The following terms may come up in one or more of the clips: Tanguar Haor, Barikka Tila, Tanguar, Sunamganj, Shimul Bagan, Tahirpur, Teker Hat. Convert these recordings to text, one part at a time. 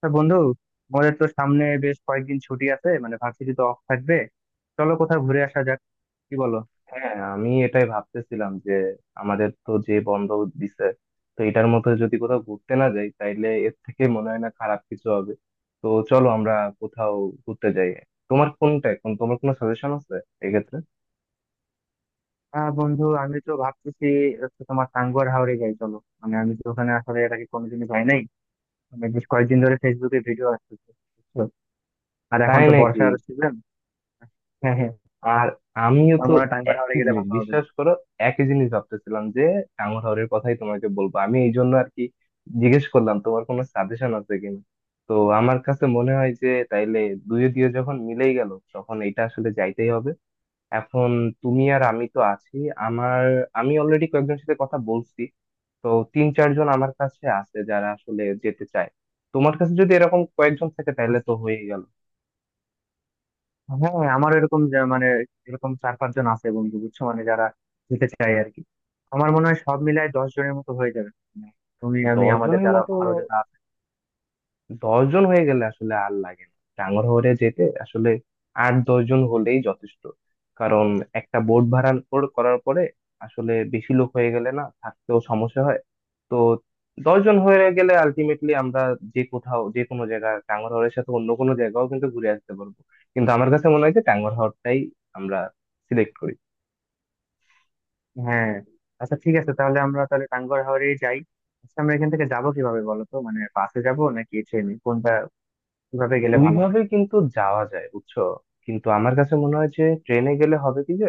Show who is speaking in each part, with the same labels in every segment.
Speaker 1: তা বন্ধু, আমাদের তো সামনে বেশ কয়েকদিন ছুটি আছে, মানে ভার্সিটি তো অফ থাকবে। চলো কোথাও ঘুরে আসা যাক। কি বলো?
Speaker 2: হ্যাঁ আমি এটাই ভাবতেছিলাম যে আমাদের তো যে বন্ধ দিছে, তো এটার মধ্যে যদি কোথাও ঘুরতে না যাই তাইলে এর থেকে মনে হয় না খারাপ কিছু হবে। তো চলো আমরা কোথাও ঘুরতে যাই। তোমার কোনটা এখন, তোমার কোনো সাজেশন আছে এক্ষেত্রে?
Speaker 1: বন্ধু, আমি তো ভাবতেছি হচ্ছে তোমার টাঙ্গুয়ার হাওরে যাই চলো। মানে আমি তো ওখানে আসলে এর আগে কোনোদিনই যাই নাই। মানে বেশ কয়েকদিন ধরে ফেসবুকে ভিডিও আসতেছে, বুঝছো? আর এখন
Speaker 2: তাই
Speaker 1: তো
Speaker 2: নাকি?
Speaker 1: বর্ষার সিজন। হ্যাঁ, হ্যাঁ।
Speaker 2: আর আমিও
Speaker 1: আমার
Speaker 2: তো
Speaker 1: মনে হয় টাঙ্গুয়ার হাওরে
Speaker 2: একই
Speaker 1: গেলে
Speaker 2: জিনিস,
Speaker 1: ভালো হবে।
Speaker 2: বিশ্বাস করো, একই জিনিস ভাবতেছিলাম যে টাঙ্গুয়ারের কথাই তোমাকে বলবো আমি, এই জন্য আর কি জিজ্ঞেস করলাম তোমার কোনো সাজেশন আছে কিনা। তো আমার কাছে মনে হয় যে তাইলে দুয়ে দিয়ে যখন মিলেই গেল তখন এটা আসলে যাইতেই হবে। এখন তুমি আর আমি তো আছি, আমার আমি অলরেডি কয়েকজনের সাথে কথা বলছি। তো 3-4 জন আমার কাছে আছে যারা আসলে যেতে চায়। তোমার কাছে যদি এরকম কয়েকজন থাকে তাহলে তো হয়ে গেল।
Speaker 1: হ্যাঁ, আমার মানে এরকম চার পাঁচজন আছে বন্ধু, বুঝছো, মানে যারা যেতে চায় আর কি। আমার মনে হয় সব মিলায় 10 জনের মতো হয়ে যাবে, মানে তুমি আমি
Speaker 2: দশ
Speaker 1: আমাদের
Speaker 2: জনের
Speaker 1: যারা
Speaker 2: মতো।
Speaker 1: আরো যারা।
Speaker 2: দশ জন হয়ে গেলে আসলে আর লাগে না ডাঙর হয়ে যেতে, আসলে 8-10 জন হলেই যথেষ্ট। কারণ একটা বোট ভাড়া করার পরে আসলে বেশি লোক হয়ে গেলে না থাকতেও সমস্যা হয়। তো দশ জন হয়ে গেলে আলটিমেটলি আমরা যে কোথাও, যে কোনো জায়গা, টাঙ্গরহরের সাথে অন্য কোনো জায়গাও কিন্তু ঘুরে আসতে পারবো। কিন্তু আমার কাছে মনে হয় যে টাঙ্গরহরটাই আমরা সিলেক্ট করি।
Speaker 1: হ্যাঁ। আচ্ছা, ঠিক আছে, তাহলে আমরা টাঙ্গুয়ার হাওরে যাই। আচ্ছা আমরা এখান থেকে যাবো কিভাবে বলো তো? মানে বাসে যাব নাকি ট্রেনে? কোনটা কিভাবে গেলে
Speaker 2: দুই
Speaker 1: ভালো
Speaker 2: ভাবে
Speaker 1: হয়?
Speaker 2: কিন্তু যাওয়া যায় বুঝছো। কিন্তু আমার কাছে মনে হয় যে ট্রেনে গেলে হবে কি যে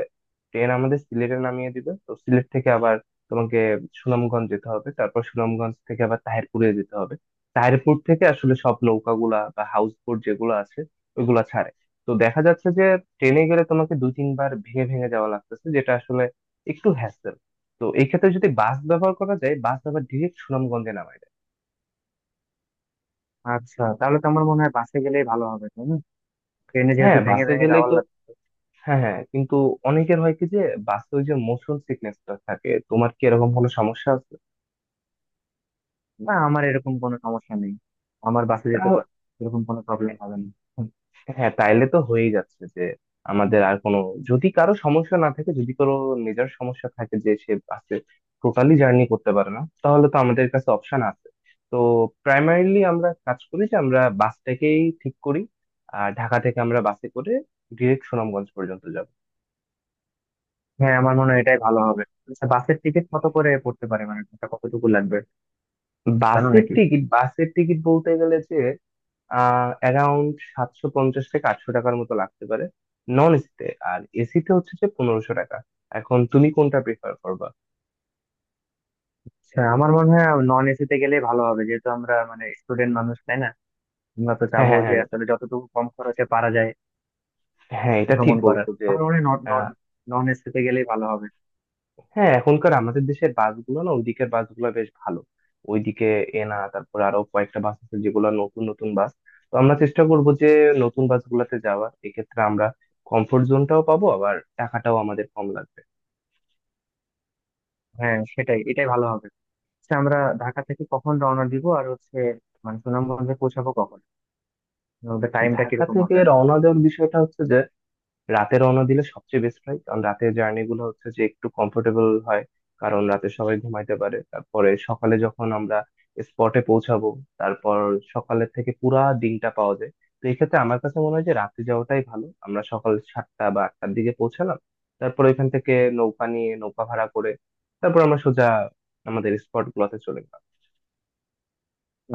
Speaker 2: ট্রেন আমাদের সিলেটে নামিয়ে দিবে, তো সিলেট থেকে আবার তোমাকে সুনামগঞ্জ যেতে হবে, তারপর সুনামগঞ্জ থেকে আবার তাহিরপুরে যেতে হবে। তাহিরপুর থেকে আসলে সব নৌকাগুলা বা হাউস বোট যেগুলো আছে ওইগুলা ছাড়ে। তো দেখা যাচ্ছে যে ট্রেনে গেলে তোমাকে দুই তিনবার ভেঙে ভেঙে যাওয়া লাগতেছে, যেটা আসলে একটু হ্যাসেল। তো এই ক্ষেত্রে যদি বাস ব্যবহার করা যায়, বাস আবার ডিরেক্ট সুনামগঞ্জে নামায় দেয়।
Speaker 1: আচ্ছা, তাহলে তো আমার মনে হয় বাসে গেলেই ভালো হবে, তাই না? ট্রেনে যেহেতু
Speaker 2: হ্যাঁ,
Speaker 1: ভেঙে
Speaker 2: বাসে
Speaker 1: ভেঙে
Speaker 2: গেলেই
Speaker 1: যাওয়ার
Speaker 2: তো।
Speaker 1: লাগবে।
Speaker 2: হ্যাঁ, হ্যাঁ, কিন্তু অনেকের হয় কি যে বাসে ওই যে মোশন সিকনেসটা থাকে, তোমার কি এরকম কোনো সমস্যা আছে?
Speaker 1: না, আমার এরকম কোনো সমস্যা নেই। আমার
Speaker 2: তাও-
Speaker 1: এরকম কোনো প্রবলেম হবে না।
Speaker 2: হ্যাঁ তাইলে তো হয়েই যাচ্ছে যে, আমাদের আর কোনো, যদি কারো সমস্যা না থাকে, যদি কারো মেজর সমস্যা থাকে যে সে বাসে টোটালি জার্নি করতে পারে না, তাহলে তো আমাদের কাছে অপশন আছে। তো প্রাইমারিলি আমরা কাজ করি যে আমরা বাসটাকেই ঠিক করি, আর ঢাকা থেকে আমরা বাসে করে ডিরেক্ট সুনামগঞ্জ পর্যন্ত যাব।
Speaker 1: হ্যাঁ, আমার মনে হয় এটাই ভালো হবে। আচ্ছা, বাসের টিকিট কত করে পড়তে পারে, মানে এটা কতটুকু লাগবে? জানো নাকি?
Speaker 2: বাসের টিকিট বলতে গেলে যে, অ্যারাউন্ড সাতশো পঞ্চাশ থেকে আটশো টাকার মতো লাগতে পারে নন এসিতে। আর এসিতে হচ্ছে যে 1500 টাকা। এখন তুমি কোনটা প্রিফার করবা?
Speaker 1: আচ্ছা আমার মনে হয় নন এসি তে গেলে ভালো হবে, যেহেতু আমরা মানে স্টুডেন্ট মানুষ, তাই না? আমরা তো
Speaker 2: হ্যাঁ,
Speaker 1: চাবো
Speaker 2: হ্যাঁ,
Speaker 1: যে
Speaker 2: হ্যাঁ।
Speaker 1: আসলে যতটুকু কম খরচে পারা যায়
Speaker 2: হ্যাঁ, এটা ঠিক
Speaker 1: ভ্রমণ করার।
Speaker 2: বলছো যে।
Speaker 1: আমার মনে হয় নন
Speaker 2: আহ,
Speaker 1: নন এসিতে গেলেই ভালো হবে।
Speaker 2: হ্যাঁ, এখনকার আমাদের দেশের বাসগুলো না, ওইদিকের বাসগুলো বেশ ভালো। ওইদিকে এনা, তারপর আরো কয়েকটা বাস আছে যেগুলো নতুন নতুন বাস। তো আমরা চেষ্টা করব যে নতুন বাসগুলোতে যাওয়ার, এক্ষেত্রে আমরা কমফোর্ট জোনটাও পাবো আবার টাকাটাও আমাদের কম লাগবে।
Speaker 1: হ্যাঁ সেটাই, এটাই ভালো হবে। আচ্ছা, আমরা ঢাকা থেকে কখন রওনা দিব, আর হচ্ছে মানে সুনামগঞ্জে পৌঁছাবো কখন? ওদের টাইমটা
Speaker 2: ঢাকা
Speaker 1: কিরকম
Speaker 2: থেকে
Speaker 1: হবে আসলে?
Speaker 2: রওনা দেওয়ার বিষয়টা হচ্ছে, রাতে রওনা দিলে সবচেয়ে বেস্ট হয়, কারণ রাতের জার্নি গুলো হচ্ছে যে একটু কমফোর্টেবল হয়। কারণ রাতে সবাই ঘুমাইতে পারে, তারপরে সকালে যখন আমরা স্পটে পৌঁছাবো, তারপর সকালের থেকে পুরা দিনটা পাওয়া যায়। তো এক্ষেত্রে আমার কাছে মনে হয় যে রাতে যাওয়াটাই ভালো। আমরা সকাল সাতটা বা আটটার দিকে পৌঁছালাম, তারপর এখান থেকে নৌকা নিয়ে, নৌকা ভাড়া করে, তারপর আমরা সোজা আমাদের স্পট গুলোতে চলে গেলাম।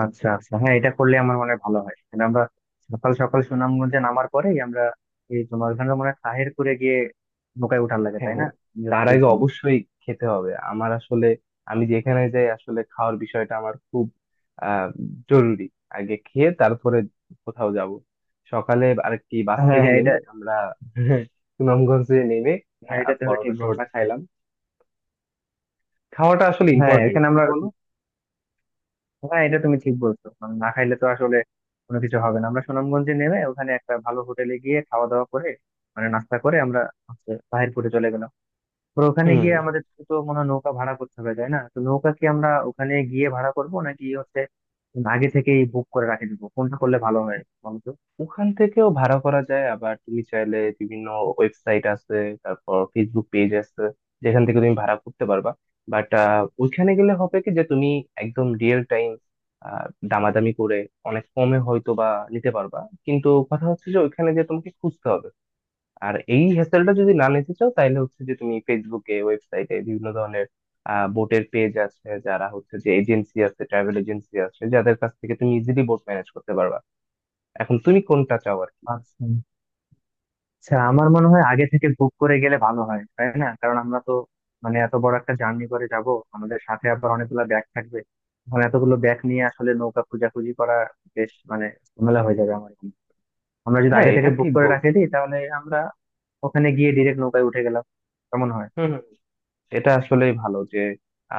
Speaker 1: আচ্ছা আচ্ছা, হ্যাঁ। এটা করলে আমার মনে হয় ভালো হয়, মানে আমরা সকাল সকাল সুনামগঞ্জে নামার পরেই আমরা এই তোমার ওখানে মনে হয় তাহিরপুরে গিয়ে নৌকায় উঠার লাগে, তাই না?
Speaker 2: হ্যাঁ,
Speaker 1: আমি
Speaker 2: তার
Speaker 1: যতদূর
Speaker 2: আগে
Speaker 1: জানি।
Speaker 2: অবশ্যই খেতে হবে। আমার আসলে, আমি যেখানে যাই আসলে খাওয়ার বিষয়টা আমার খুব আহ জরুরি, আগে খেয়ে তারপরে কোথাও যাব। সকালে আর কি বাস
Speaker 1: হ্যাঁ হ্যাঁ,
Speaker 2: থেকে
Speaker 1: এটা।
Speaker 2: নেমে আমরা সুনামগঞ্জে নেমে
Speaker 1: হ্যাঁ, এটা তুমি
Speaker 2: পরোটা
Speaker 1: ঠিক
Speaker 2: টরোটা
Speaker 1: বলছো।
Speaker 2: খাইলাম। খাওয়াটা আসলে
Speaker 1: হ্যাঁ
Speaker 2: ইম্পর্টেন্ট,
Speaker 1: এখানে
Speaker 2: তাই না
Speaker 1: আমরা।
Speaker 2: বলো।
Speaker 1: হ্যাঁ, এটা তুমি ঠিক বলছো, মানে না খাইলে তো আসলে কোনো কিছু হবে না। আমরা সুনামগঞ্জে নেমে ওখানে একটা ভালো হোটেলে গিয়ে খাওয়া দাওয়া করে, মানে নাস্তা করে, আমরা হচ্ছে বাহিরপুরে চলে গেলাম। তো ওখানে
Speaker 2: হুম।
Speaker 1: গিয়ে আমাদের তো মনে হয় নৌকা ভাড়া করতে হবে, তাই না? তো নৌকা কি আমরা ওখানে গিয়ে ভাড়া করব, নাকি হচ্ছে আগে থেকেই বুক করে রাখে দিব? কোনটা করলে ভালো হয়
Speaker 2: ওখান থেকেও ভাড়া করা যায়, আবার তুমি চাইলে বিভিন্ন ওয়েবসাইট আছে, তারপর ফেসবুক পেজ আছে, যেখান থেকে তুমি ভাড়া করতে পারবা। বাট ওইখানে গেলে হবে কি যে তুমি একদম রিয়েল টাইম দামাদামি করে অনেক কমে হয়তো বা নিতে পারবা। কিন্তু কথা হচ্ছে যে ওইখানে যে তোমাকে খুঁজতে হবে। আর এই হ্যাসেলটা যদি না নিতে চাও তাহলে হচ্ছে যে তুমি ফেসবুকে, ওয়েবসাইটে বিভিন্ন ধরনের বোটের পেজ আছে, যারা হচ্ছে যে এজেন্সি আছে, ট্রাভেল এজেন্সি আছে, যাদের কাছ থেকে তুমি ইজিলি বোট ম্যানেজ করতে পারবা। এখন তুমি কোনটা চাও আর কি?
Speaker 1: বলতো। আচ্ছা আমার মনে হয় আগে থেকে বুক করে গেলে ভালো হয়, তাই না? কারণ আমরা তো মানে এত বড় একটা জার্নি করে যাব, আমাদের সাথে আবার অনেকগুলো ব্যাগ থাকবে। এখন এতগুলো ব্যাগ নিয়ে আসলে নৌকা খোঁজাখুঁজি করা বেশ মানে ঝামেলা হয়ে যাবে আমার এখানে। আমরা যদি
Speaker 2: হ্যাঁ,
Speaker 1: আগে
Speaker 2: এটা
Speaker 1: থেকে বুক
Speaker 2: ঠিক
Speaker 1: করে রাখে
Speaker 2: বলছো।
Speaker 1: দিই তাহলে আমরা ওখানে গিয়ে ডিরেক্ট নৌকায় উঠে গেলাম। কেমন হয়?
Speaker 2: হুম, হুম। এটা আসলেই ভালো যে,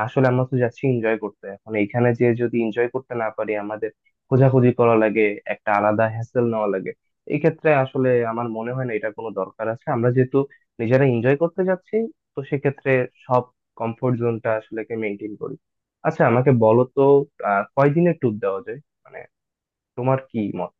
Speaker 2: আসলে আমরা তো যাচ্ছি এনজয় করতে, এখন এইখানে যে যদি এনজয় করতে না পারি, আমাদের খোঁজাখুঁজি করা লাগে, একটা আলাদা হ্যাসেল নেওয়া লাগে, এই ক্ষেত্রে আসলে আমার মনে হয় না এটা কোনো দরকার আছে। আমরা যেহেতু নিজেরা এনজয় করতে যাচ্ছি, তো সেক্ষেত্রে সব কমফোর্ট জোনটা আসলে কে মেনটেন করি। আচ্ছা আমাকে বলো তো, কয়দিনের ট্যুর দেওয়া যায়, মানে তোমার কি মত?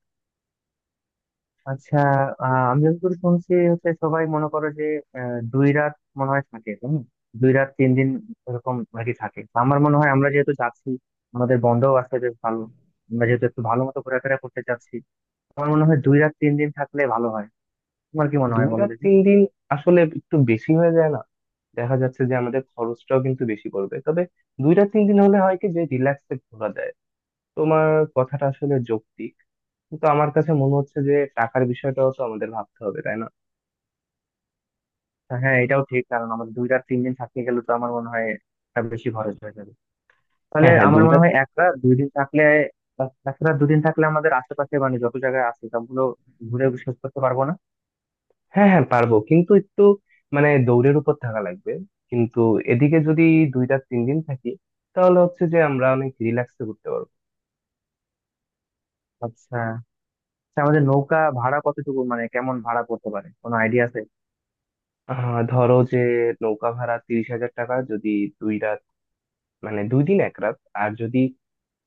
Speaker 1: আচ্ছা, আমি যতদূর শুনছি হচ্ছে সবাই মনে করো যে দুই রাত মনে হয় থাকে, দুই রাত তিন দিন এরকম আর কি থাকে। তো আমার মনে হয় আমরা যেহেতু যাচ্ছি, আমাদের বন্ধও আছে বেশ ভালো, আমরা যেহেতু একটু ভালো মতো ঘোরাফেরা করতে চাচ্ছি, আমার মনে হয় দুই রাত তিন দিন থাকলে ভালো হয়। তোমার কি মনে হয়
Speaker 2: দুই
Speaker 1: বলো
Speaker 2: রাত
Speaker 1: দেখি?
Speaker 2: তিন দিন আসলে একটু বেশি হয়ে যায় না? দেখা যাচ্ছে যে আমাদের খরচটাও কিন্তু বেশি পড়বে, তবে দুই রাত তিন দিন হলে হয় কি যে রিল্যাক্সে ঘোরা যায়, তোমার কথাটা আসলে যৌক্তিক, কিন্তু আমার কাছে মনে হচ্ছে যে টাকার বিষয়টাও তো আমাদের ভাবতে হবে, তাই না?
Speaker 1: হ্যাঁ এটাও ঠিক, কারণ আমাদের দুই রাত তিন দিন থাকতে গেলে তো আমার মনে হয় একটা বেশি খরচ হয়ে যাবে। তাহলে
Speaker 2: হ্যাঁ, হ্যাঁ,
Speaker 1: আমার
Speaker 2: দুই
Speaker 1: মনে
Speaker 2: রাত।
Speaker 1: হয় এক রাত দুই দিন থাকলে এক রাত দুদিন থাকলে আমাদের আশেপাশে মানে যত জায়গায় আছে সবগুলো ঘুরে শেষ করতে পারবো না।
Speaker 2: হ্যাঁ, হ্যাঁ, পারবো কিন্তু একটু মানে দৌড়ের উপর থাকা লাগবে, কিন্তু এদিকে যদি দুই রাত তিন দিন থাকি তাহলে হচ্ছে যে আমরা অনেক রিল্যাক্সে ঘুরতে পারবো।
Speaker 1: আচ্ছা আচ্ছা, আমাদের নৌকা ভাড়া কতটুকু, মানে কেমন ভাড়া পড়তে পারে? কোনো আইডিয়া আছে?
Speaker 2: ধরো যে নৌকা ভাড়া 30,000 টাকা, যদি দুই রাত, মানে দুই দিন এক রাত। আর যদি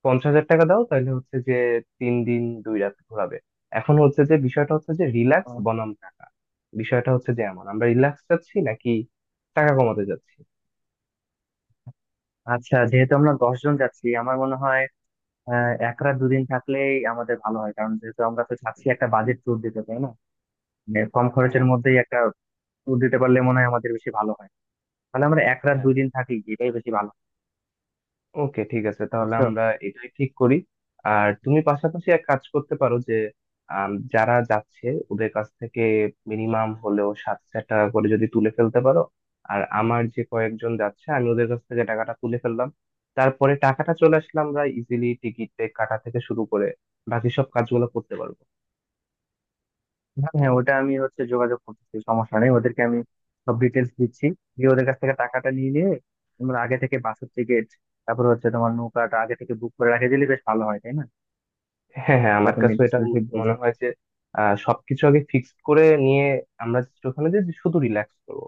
Speaker 2: 50,000 টাকা দাও তাহলে হচ্ছে যে তিন দিন দুই রাত ঘোরাবে। এখন হচ্ছে যে বিষয়টা হচ্ছে যে রিল্যাক্স
Speaker 1: আহ,
Speaker 2: বনাম টাকা, বিষয়টা হচ্ছে যে এমন আমরা রিল্যাক্স চাচ্ছি নাকি টাকা কমাতে চাচ্ছি।
Speaker 1: আচ্ছা, যেহেতু আমরা 10 জন যাচ্ছি আমার মনে হয় এক রাত দুদিন থাকলেই আমাদের ভালো হয়, কারণ যেহেতু আমরা তো চাচ্ছি একটা বাজেট ট্যুর দিতে, তাই না? মানে কম
Speaker 2: হ্যাঁ,
Speaker 1: খরচের মধ্যেই একটা ট্যুর দিতে পারলে মনে হয় আমাদের বেশি ভালো হয়। তাহলে আমরা এক রাত
Speaker 2: হ্যাঁ,
Speaker 1: দুই দিন থাকি এটাই বেশি ভালো হয়,
Speaker 2: ওকে ঠিক আছে, তাহলে
Speaker 1: বুঝছো।
Speaker 2: আমরা এটাই ঠিক করি। আর তুমি পাশাপাশি এক কাজ করতে পারো যে যারা যাচ্ছে ওদের কাছ থেকে মিনিমাম হলেও 7,000 টাকা করে যদি তুলে ফেলতে পারো, আর আমার যে কয়েকজন যাচ্ছে আমি ওদের কাছ থেকে টাকাটা তুলে ফেললাম, তারপরে টাকাটা চলে আসলে আমরা ইজিলি টিকিট কাটা থেকে শুরু করে বাকি সব কাজগুলো করতে পারবো।
Speaker 1: হ্যাঁ হ্যাঁ, ওটা আমি হচ্ছে যোগাযোগ করতেছি, সমস্যা নেই। ওদেরকে আমি সব ডিটেলস দিচ্ছি, দিয়ে ওদের কাছ থেকে টাকাটা নিয়ে নিয়ে তোমরা আগে থেকে বাসের টিকিট, তারপর হচ্ছে তোমার নৌকাটা আগে থেকে বুক করে রাখে দিলে বেশ ভালো হয়, তাই না?
Speaker 2: হ্যাঁ, হ্যাঁ,
Speaker 1: এটা
Speaker 2: আমার
Speaker 1: তুমি
Speaker 2: কাছে এটা
Speaker 1: আসলে ঠিক
Speaker 2: মনে
Speaker 1: বলছো।
Speaker 2: হয় যে সবকিছু আগে ফিক্সড করে নিয়ে আমরা just ওখানে যে শুধু রিল্যাক্স করবো,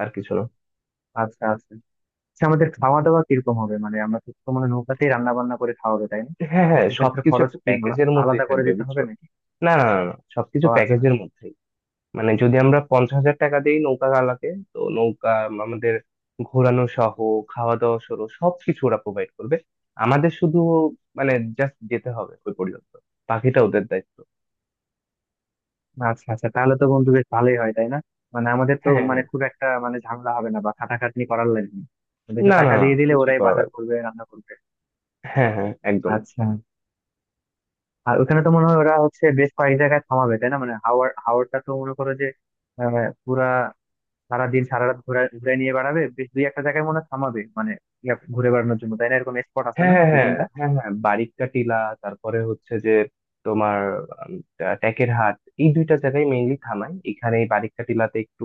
Speaker 2: আর কিছু না।
Speaker 1: আচ্ছা আচ্ছা। আচ্ছা, আমাদের খাওয়া দাওয়া কিরকম হবে, মানে আমরা তো তো মানে নৌকাতেই রান্না বান্না করে খাওয়া হবে, তাই না?
Speaker 2: হ্যাঁ, হ্যাঁ,
Speaker 1: এক্ষেত্রে
Speaker 2: সবকিছু
Speaker 1: খরচ
Speaker 2: একটা
Speaker 1: কি
Speaker 2: প্যাকেজের মধ্যেই
Speaker 1: আলাদা করে
Speaker 2: থাকবে
Speaker 1: দিতে হবে
Speaker 2: বুঝছো।
Speaker 1: নাকি?
Speaker 2: না, না, না, না, সবকিছু
Speaker 1: ও আচ্ছা আচ্ছা।
Speaker 2: প্যাকেজের মধ্যেই। মানে যদি আমরা 50,000 টাকা দিই নৌকা গালাকে, তো নৌকা আমাদের ঘোরানো সহ, খাওয়া দাওয়া সহ সবকিছু ওরা প্রোভাইড করবে, আমাদের শুধু, মানে জাস্ট যেতে হবে ওই পর্যন্ত, বাকিটা ওদের দায়িত্ব।
Speaker 1: আচ্ছা আচ্ছা, তাহলে তো বন্ধু বেশ ভালোই হয়, তাই না? মানে আমাদের তো
Speaker 2: হ্যাঁ, হ্যাঁ, হ্যাঁ।
Speaker 1: মানে খুব একটা মানে ঝামেলা হবে না বা খাটাখাটনি করার লাগবে না। ওদেরকে
Speaker 2: না, না,
Speaker 1: টাকা
Speaker 2: না,
Speaker 1: দিয়ে দিলে
Speaker 2: কিছুই
Speaker 1: ওরাই
Speaker 2: করা
Speaker 1: বাজার
Speaker 2: লাগবে না।
Speaker 1: করবে, রান্না করবে।
Speaker 2: হ্যাঁ, হ্যাঁ, একদম।
Speaker 1: আচ্ছা। আর ওখানে তো মনে হয় ওরা হচ্ছে বেশ কয়েক জায়গায় থামাবে, তাই না, মানে হাওড়টা তো মনে করো যে আহ, পুরা সারাদিন সারা রাত ঘুরে ঘুরে নিয়ে বেড়াবে। বেশ দুই একটা জায়গায় মনে হয় থামাবে, মানে ইয়া ঘুরে বেড়ানোর জন্য, তাই না? এরকম স্পট আছে
Speaker 2: হ্যাঁ,
Speaker 1: না
Speaker 2: হ্যাঁ,
Speaker 1: দুই
Speaker 2: হ্যাঁ।
Speaker 1: তিনটা?
Speaker 2: হ্যাঁ, হ্যাঁ, বারিক্কা টিলা, তারপরে হচ্ছে যে তোমার টেকের হাট, এই দুইটা জায়গায় মেইনলি থামাই। এখানে এই বারিক্কা টিলাতে একটু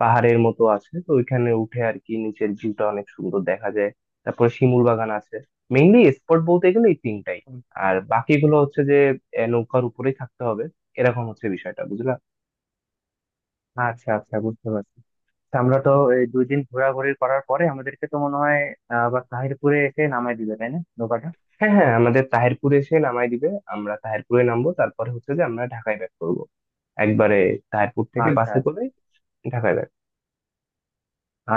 Speaker 2: পাহাড়ের মতো আছে, তো ওইখানে উঠে আর কি নিচের ভিউটা অনেক সুন্দর দেখা যায়। তারপরে শিমুল বাগান আছে। মেইনলি স্পট বলতে গেলে এই তিনটাই।
Speaker 1: হুম।
Speaker 2: আর বাকিগুলো হচ্ছে যে নৌকার উপরেই থাকতে হবে, এরকম হচ্ছে বিষয়টা বুঝলা।
Speaker 1: আচ্ছা আচ্ছা, বুঝতে পারছি। তা আমরা তো এই দুই দিন ঘোরাঘুরি করার পরে আমাদেরকে তো মনে হয় আবার তাহিরপুরে এসে নামাই দিবে তাই না নৌকাটা?
Speaker 2: হ্যাঁ, হ্যাঁ, আমাদের তাহিরপুরে এসে নামাই দিবে, আমরা তাহিরপুরে নামবো, তারপরে হচ্ছে যে আমরা ঢাকায় ব্যাক করবো একবারে, তাহিরপুর থেকে
Speaker 1: আচ্ছা
Speaker 2: বাসে
Speaker 1: আচ্ছা।
Speaker 2: করে ঢাকায় back।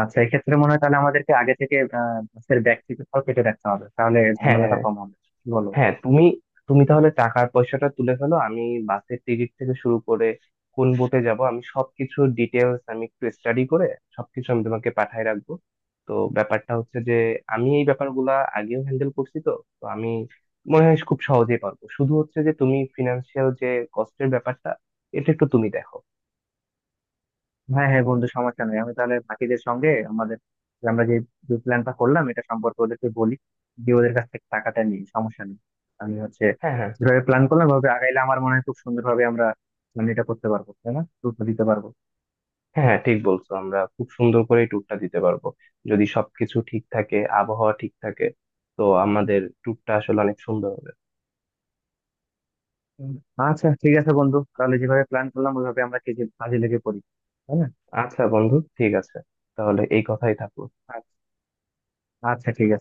Speaker 1: আচ্ছা, এক্ষেত্রে মনে হয় তাহলে আমাদেরকে আগে থেকে বাসের ব্যাগ থেকে সব কেটে রাখতে হবে, তাহলে
Speaker 2: হ্যাঁ,
Speaker 1: ঝামেলাটা কম হবে। কি বলো?
Speaker 2: হ্যাঁ, তুমি তুমি তাহলে টাকার পয়সাটা তুলে ফেলো, আমি বাসের টিকিট থেকে শুরু করে কোন বোটে যাব, আমি সবকিছু ডিটেলস আমি একটু স্টাডি করে সবকিছু আমি তোমাকে পাঠায় রাখবো। তো ব্যাপারটা হচ্ছে যে আমি এই ব্যাপারগুলা আগেও হ্যান্ডেল করছি, তো তো আমি মনে হয় খুব সহজেই পারবো, শুধু হচ্ছে যে তুমি ফিনান্সিয়াল যে কস্টের ব্যাপারটা, এটা একটু তুমি দেখো।
Speaker 1: হ্যাঁ হ্যাঁ বন্ধু, সমস্যা নেই। আমি তাহলে বাকিদের সঙ্গে আমাদের যে আমরা যে প্ল্যানটা করলাম এটা সম্পর্কে ওদেরকে বলি, দিয়ে ওদের কাছ থেকে টাকাটা নিই, সমস্যা নেই। আমি হচ্ছে
Speaker 2: হ্যাঁ, হ্যাঁ,
Speaker 1: যেভাবে প্ল্যান করলাম ভাবে আগাইলে আমার মনে হয় খুব সুন্দরভাবে আমরা plan এটা করতে পারবো, তাই না? গুরুত্ব দিতে পারবো।
Speaker 2: হ্যাঁ। হ্যাঁ, ঠিক বলছো, আমরা খুব সুন্দর করে ট্যুরটা দিতে পারবো, যদি সবকিছু ঠিক থাকে, আবহাওয়া ঠিক থাকে, তো আমাদের ট্যুরটা আসলে অনেক সুন্দর হবে।
Speaker 1: হুম। আচ্ছা ঠিক আছে বন্ধু, তাহলে যেভাবে প্ল্যান করলাম ওইভাবে আমরা কাজে কাজে লেগে পড়ি, তাই না?
Speaker 2: আচ্ছা বন্ধু ঠিক আছে, তাহলে এই কথাই থাকলো।
Speaker 1: আচ্ছা আচ্ছা, ঠিক আছে।